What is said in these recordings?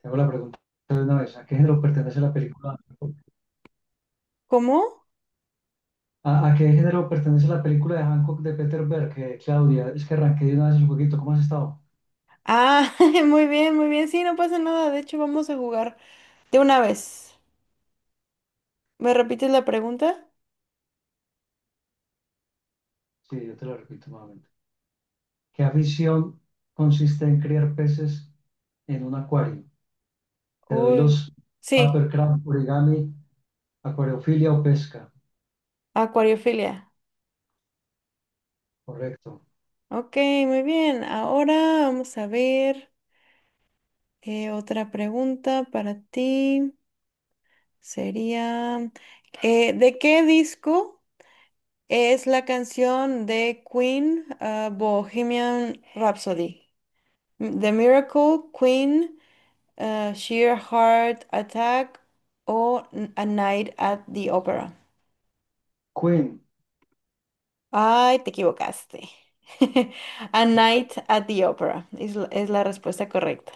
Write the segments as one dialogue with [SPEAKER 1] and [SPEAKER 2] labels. [SPEAKER 1] Te hago la pregunta de una vez. ¿A qué género pertenece la película?
[SPEAKER 2] ¿Cómo?
[SPEAKER 1] ¿A qué género pertenece la película de Hancock de Peter Berg? Claudia, es que arranqué de una vez el jueguito. ¿Cómo has estado?
[SPEAKER 2] Ah, muy bien, muy bien. Sí, no pasa nada. De hecho, vamos a jugar de una vez. ¿Me repites la pregunta?
[SPEAKER 1] Sí, yo te lo repito nuevamente. ¿Qué afición consiste en criar peces en un acuario? Te doy
[SPEAKER 2] Uy.
[SPEAKER 1] los
[SPEAKER 2] Sí,
[SPEAKER 1] papercraft, origami, acuariofilia o pesca.
[SPEAKER 2] acuariofilia.
[SPEAKER 1] Correcto.
[SPEAKER 2] Ok, muy bien. Ahora vamos a ver otra pregunta para ti. Sería, ¿de qué disco es la canción de Queen, Bohemian Rhapsody? The Miracle, Queen. Eh, Sheer Heart Attack o A Night at the Opera.
[SPEAKER 1] Queen.
[SPEAKER 2] Ay, te equivocaste. A Night at the Opera es la respuesta correcta.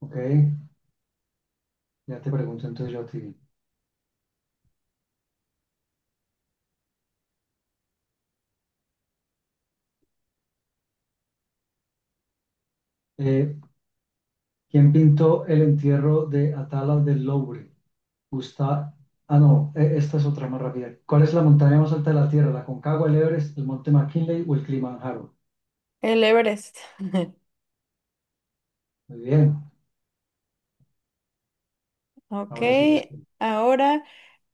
[SPEAKER 1] Ok, ya te pregunto entonces yo a ti. Eh, ¿Quién pintó el entierro de Atala del Louvre? Gusta. Ah, no, esta es otra más rápida. ¿Cuál es la montaña más alta de la Tierra? ¿La Concagua, el Everest, el Monte McKinley o el Kilimanjaro?
[SPEAKER 2] El Everest.
[SPEAKER 1] Muy bien,
[SPEAKER 2] Ok,
[SPEAKER 1] ahora sigues tú.
[SPEAKER 2] ahora,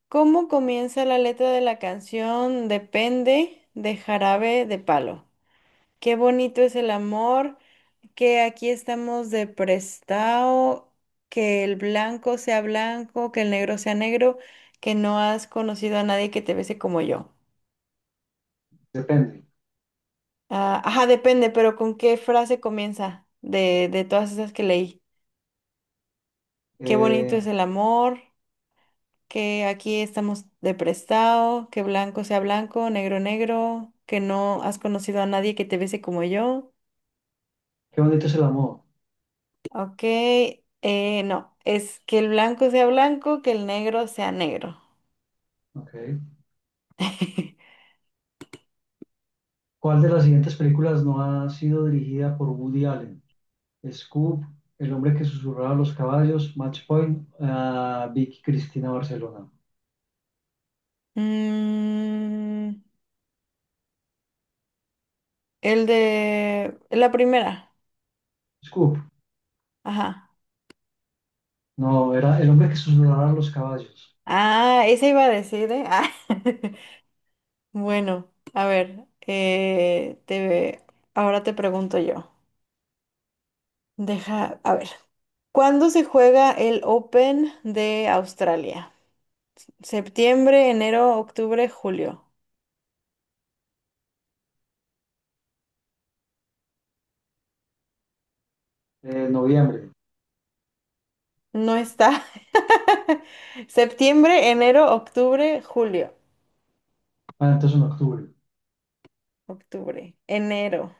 [SPEAKER 2] ¿cómo comienza la letra de la canción Depende de Jarabe de Palo? Qué bonito es el amor, que aquí estamos de prestado, que el blanco sea blanco, que el negro sea negro, que no has conocido a nadie que te bese como yo.
[SPEAKER 1] Depende.
[SPEAKER 2] Ah, ajá, depende, pero ¿con qué frase comienza de todas esas que leí? Qué bonito
[SPEAKER 1] Eh,
[SPEAKER 2] es el amor, que aquí estamos de prestado, que blanco sea blanco, negro negro, que no has conocido a nadie que te bese como yo.
[SPEAKER 1] qué bonito es el amor.
[SPEAKER 2] Ok, no, es que el blanco sea blanco, que el negro sea negro.
[SPEAKER 1] Ok. ¿Cuál de las siguientes películas no ha sido dirigida por Woody Allen? Scoop, El hombre que susurraba a los caballos, Match Point, Vicky Cristina Barcelona.
[SPEAKER 2] Mm, el de la primera,
[SPEAKER 1] Scoop,
[SPEAKER 2] ajá.
[SPEAKER 1] no, era El hombre que susurraba a los caballos.
[SPEAKER 2] Ah, esa iba a decir, ¿eh? Ah. Bueno, a ver, ahora te pregunto yo. Deja, a ver, ¿cuándo se juega el Open de Australia? Septiembre, enero, octubre, julio.
[SPEAKER 1] Noviembre.
[SPEAKER 2] No está. Septiembre, enero, octubre, julio.
[SPEAKER 1] Ah, entonces en octubre.
[SPEAKER 2] Octubre, enero.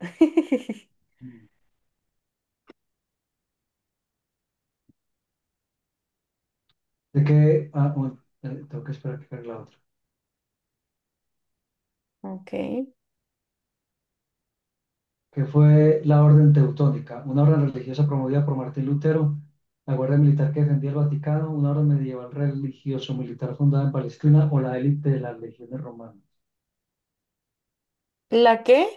[SPEAKER 1] Mm. de que, ah, un- tengo que esperar que cargue la otra,
[SPEAKER 2] Ok.
[SPEAKER 1] que fue la Orden Teutónica, una orden religiosa promovida por Martín Lutero, la Guardia Militar que defendía el Vaticano, una orden medieval religioso-militar fundada en Palestina o la élite de las legiones romanas.
[SPEAKER 2] ¿La qué?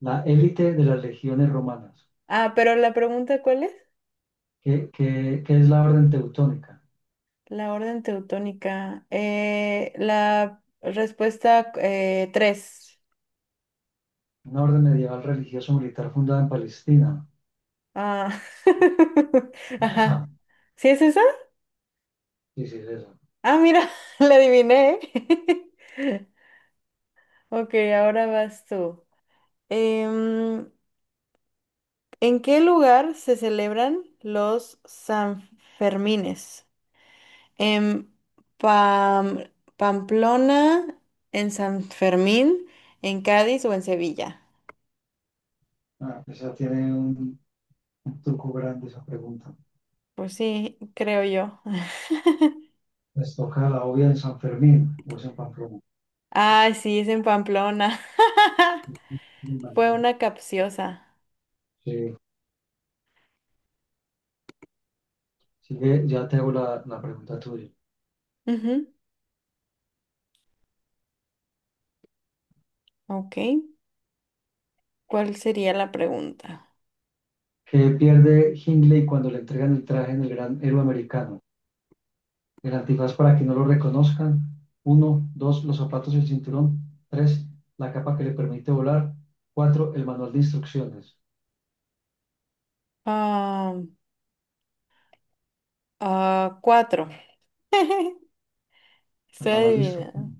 [SPEAKER 1] La élite de las legiones romanas,
[SPEAKER 2] Ah, pero la pregunta, ¿cuál es?
[SPEAKER 1] que es la Orden Teutónica,
[SPEAKER 2] La orden teutónica. La respuesta tres.
[SPEAKER 1] una orden medieval religioso-militar fundada en Palestina.
[SPEAKER 2] Ah.
[SPEAKER 1] ¿Es esa?
[SPEAKER 2] Ajá. ¿Sí es esa?
[SPEAKER 1] Sí, sí, es esa.
[SPEAKER 2] Ah, mira, la adiviné. ¿eh? Ok, ahora vas tú. Em, ¿en qué lugar se celebran los Sanfermines? En Pam- Pamplona, en San Fermín, en Cádiz o en Sevilla.
[SPEAKER 1] Ah, esa tiene un truco grande esa pregunta.
[SPEAKER 2] Pues sí, creo yo.
[SPEAKER 1] Les toca la obvia en San Fermín o es en Pamplona.
[SPEAKER 2] Ay, sí, es en Pamplona. Fue
[SPEAKER 1] Vale,
[SPEAKER 2] una capciosa.
[SPEAKER 1] sí. Sigue, ya te hago la pregunta tuya.
[SPEAKER 2] Ujú, Ok. ¿Cuál sería la pregunta?
[SPEAKER 1] ¿Qué pierde Hindley cuando le entregan el traje del gran héroe americano? El antifaz para que no lo reconozcan. Uno, dos, los zapatos y el cinturón. Tres, la capa que le permite volar. Cuatro, el manual de instrucciones.
[SPEAKER 2] Ah, ah, cuatro.
[SPEAKER 1] El
[SPEAKER 2] Estoy
[SPEAKER 1] manual de
[SPEAKER 2] adivinando.
[SPEAKER 1] instrucciones.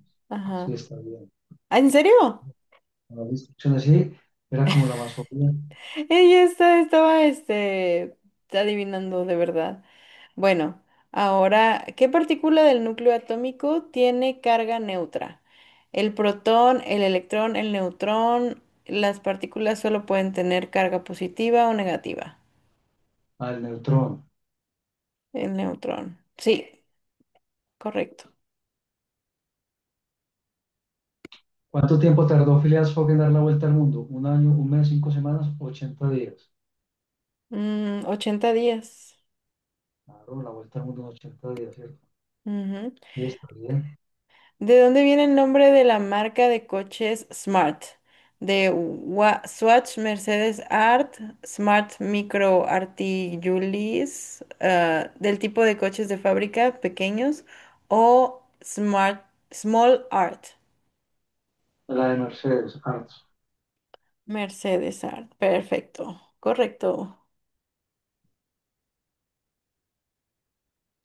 [SPEAKER 1] Sí,
[SPEAKER 2] Ajá.
[SPEAKER 1] está bien. El
[SPEAKER 2] ¿Ah, ¿En serio?
[SPEAKER 1] manual de instrucciones, sí. Era como la más obvia.
[SPEAKER 2] Estaba este, adivinando de verdad. Bueno, ahora, ¿qué partícula del núcleo atómico tiene carga neutra? El protón, el electrón, el neutrón. Las partículas solo pueden tener carga positiva o negativa.
[SPEAKER 1] Al neutrón.
[SPEAKER 2] El neutrón. Sí, correcto.
[SPEAKER 1] ¿Cuánto tiempo tardó Phileas Fogg en dar la vuelta al mundo? ¿Un año, un mes, 5 semanas, 80 días?
[SPEAKER 2] Mm, 80 días.
[SPEAKER 1] Claro, la vuelta al mundo en 80 días, ¿cierto? Sí, está bien.
[SPEAKER 2] ¿De dónde viene el nombre de la marca de coches Smart? Swatch, Mercedes Art, Smart Micro Articulis, del tipo de coches de fábrica pequeños o Smart Small Art.
[SPEAKER 1] La de Mercedes, harto.
[SPEAKER 2] Mercedes Art, perfecto, correcto.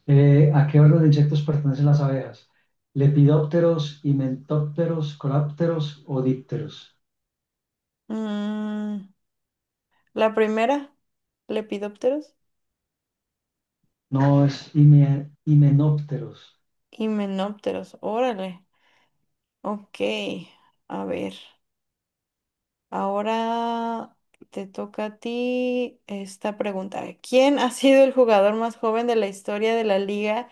[SPEAKER 1] ¿A qué orden de insectos pertenecen las abejas? ¿Lepidópteros, himenópteros, colápteros o dípteros?
[SPEAKER 2] Mm, la primera, Lepidópteros
[SPEAKER 1] No, es himenópteros.
[SPEAKER 2] y Menópteros, órale, ok, a ver. Ahora te toca a ti esta pregunta. ¿Quién ha sido el jugador más joven de la historia de la Liga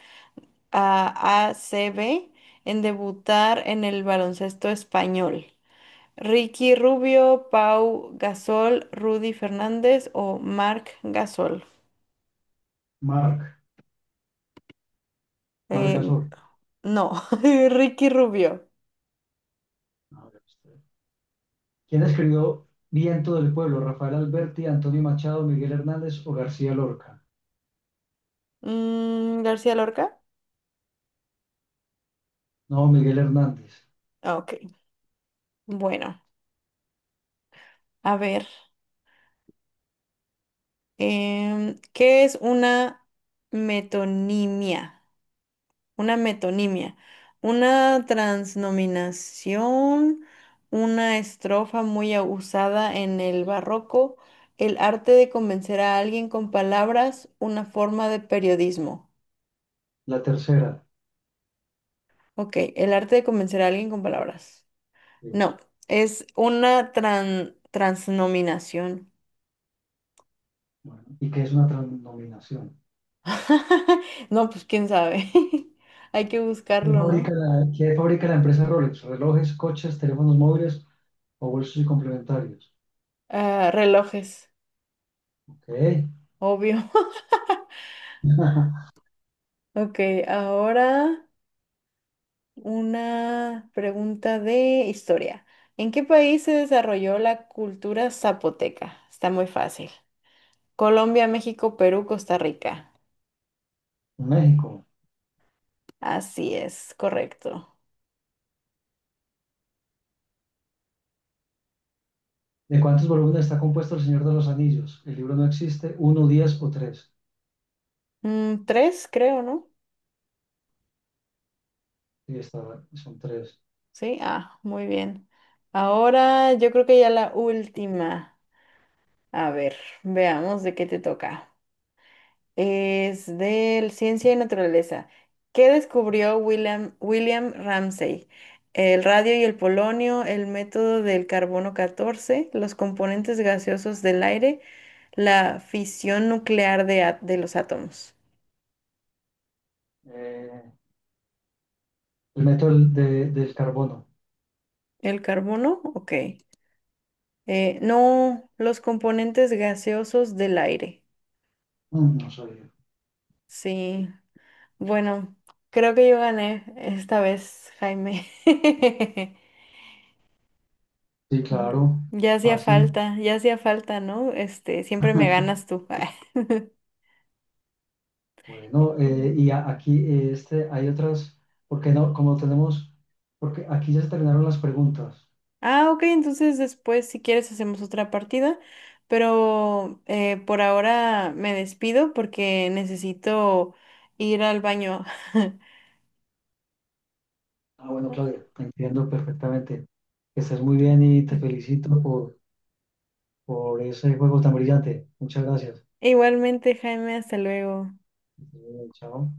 [SPEAKER 2] ACB en debutar en el baloncesto español? ¿Ricky Rubio, Pau Gasol, Rudy Fernández o Marc Gasol?
[SPEAKER 1] Marc,
[SPEAKER 2] Eh,
[SPEAKER 1] Margasol.
[SPEAKER 2] no, Ricky Rubio.
[SPEAKER 1] A ver usted. ¿Quién escribió Viento del Pueblo? ¿Rafael Alberti, Antonio Machado, Miguel Hernández o García Lorca?
[SPEAKER 2] Mm, ¿García Lorca?
[SPEAKER 1] No, Miguel Hernández.
[SPEAKER 2] Ah, Ok, bueno, a ver. Em, ¿qué es una metonimia? Una metonimia, una transnominación, una estrofa muy usada en el barroco, el arte de convencer a alguien con palabras, una forma de periodismo.
[SPEAKER 1] La tercera.
[SPEAKER 2] Ok, el arte de convencer a alguien con palabras.
[SPEAKER 1] Sí.
[SPEAKER 2] No, es una transnominación.
[SPEAKER 1] Bueno, ¿y qué es una transnominación?
[SPEAKER 2] No, pues quién sabe. Hay que
[SPEAKER 1] ¿Quién
[SPEAKER 2] buscarlo,
[SPEAKER 1] fabrica
[SPEAKER 2] ¿no?
[SPEAKER 1] qué fabrica la empresa Rolex? Relojes, coches, teléfonos móviles, o bolsos y complementarios.
[SPEAKER 2] Ah, relojes,
[SPEAKER 1] Ok.
[SPEAKER 2] obvio. Ok, ahora... Una pregunta de historia. ¿En qué país se desarrolló la cultura zapoteca? Está muy fácil. Colombia, México, Perú, Costa Rica.
[SPEAKER 1] México.
[SPEAKER 2] Así es, correcto.
[SPEAKER 1] ¿De cuántos volúmenes está compuesto El Señor de los Anillos? El libro no existe. ¿Uno, 10 o tres?
[SPEAKER 2] Mm, tres, creo, ¿no?
[SPEAKER 1] Sí, son tres.
[SPEAKER 2] Sí, ah, muy bien. Ahora yo creo que ya la última. A ver, veamos de qué te toca. Es de Ciencia y Naturaleza. ¿Qué descubrió William Ramsay? El radio y el polonio, el método del carbono 14, los componentes gaseosos del aire, la fisión nuclear de los átomos.
[SPEAKER 1] Eh, el método del carbono.
[SPEAKER 2] ¿El carbono? Ok. No, los componentes gaseosos del aire.
[SPEAKER 1] Mm, no sabía.
[SPEAKER 2] Sí. Bueno, creo que yo gané esta vez, Jaime.
[SPEAKER 1] Sí,
[SPEAKER 2] Ujú.
[SPEAKER 1] claro. Fácil.
[SPEAKER 2] Ya hacía falta, ¿no? Este, siempre me ganas tú.
[SPEAKER 1] Bueno, y aquí hay otras, porque no, como tenemos, porque aquí ya se terminaron las preguntas.
[SPEAKER 2] Ah, ok, entonces después, si quieres, hacemos otra partida, pero por ahora me despido porque necesito ir al baño.
[SPEAKER 1] Ah, bueno,
[SPEAKER 2] Ok.
[SPEAKER 1] Claudia, te entiendo perfectamente. Que estés muy bien y te felicito por ese juego tan brillante. Muchas gracias.
[SPEAKER 2] Igualmente, Jaime, hasta luego.
[SPEAKER 1] Chao.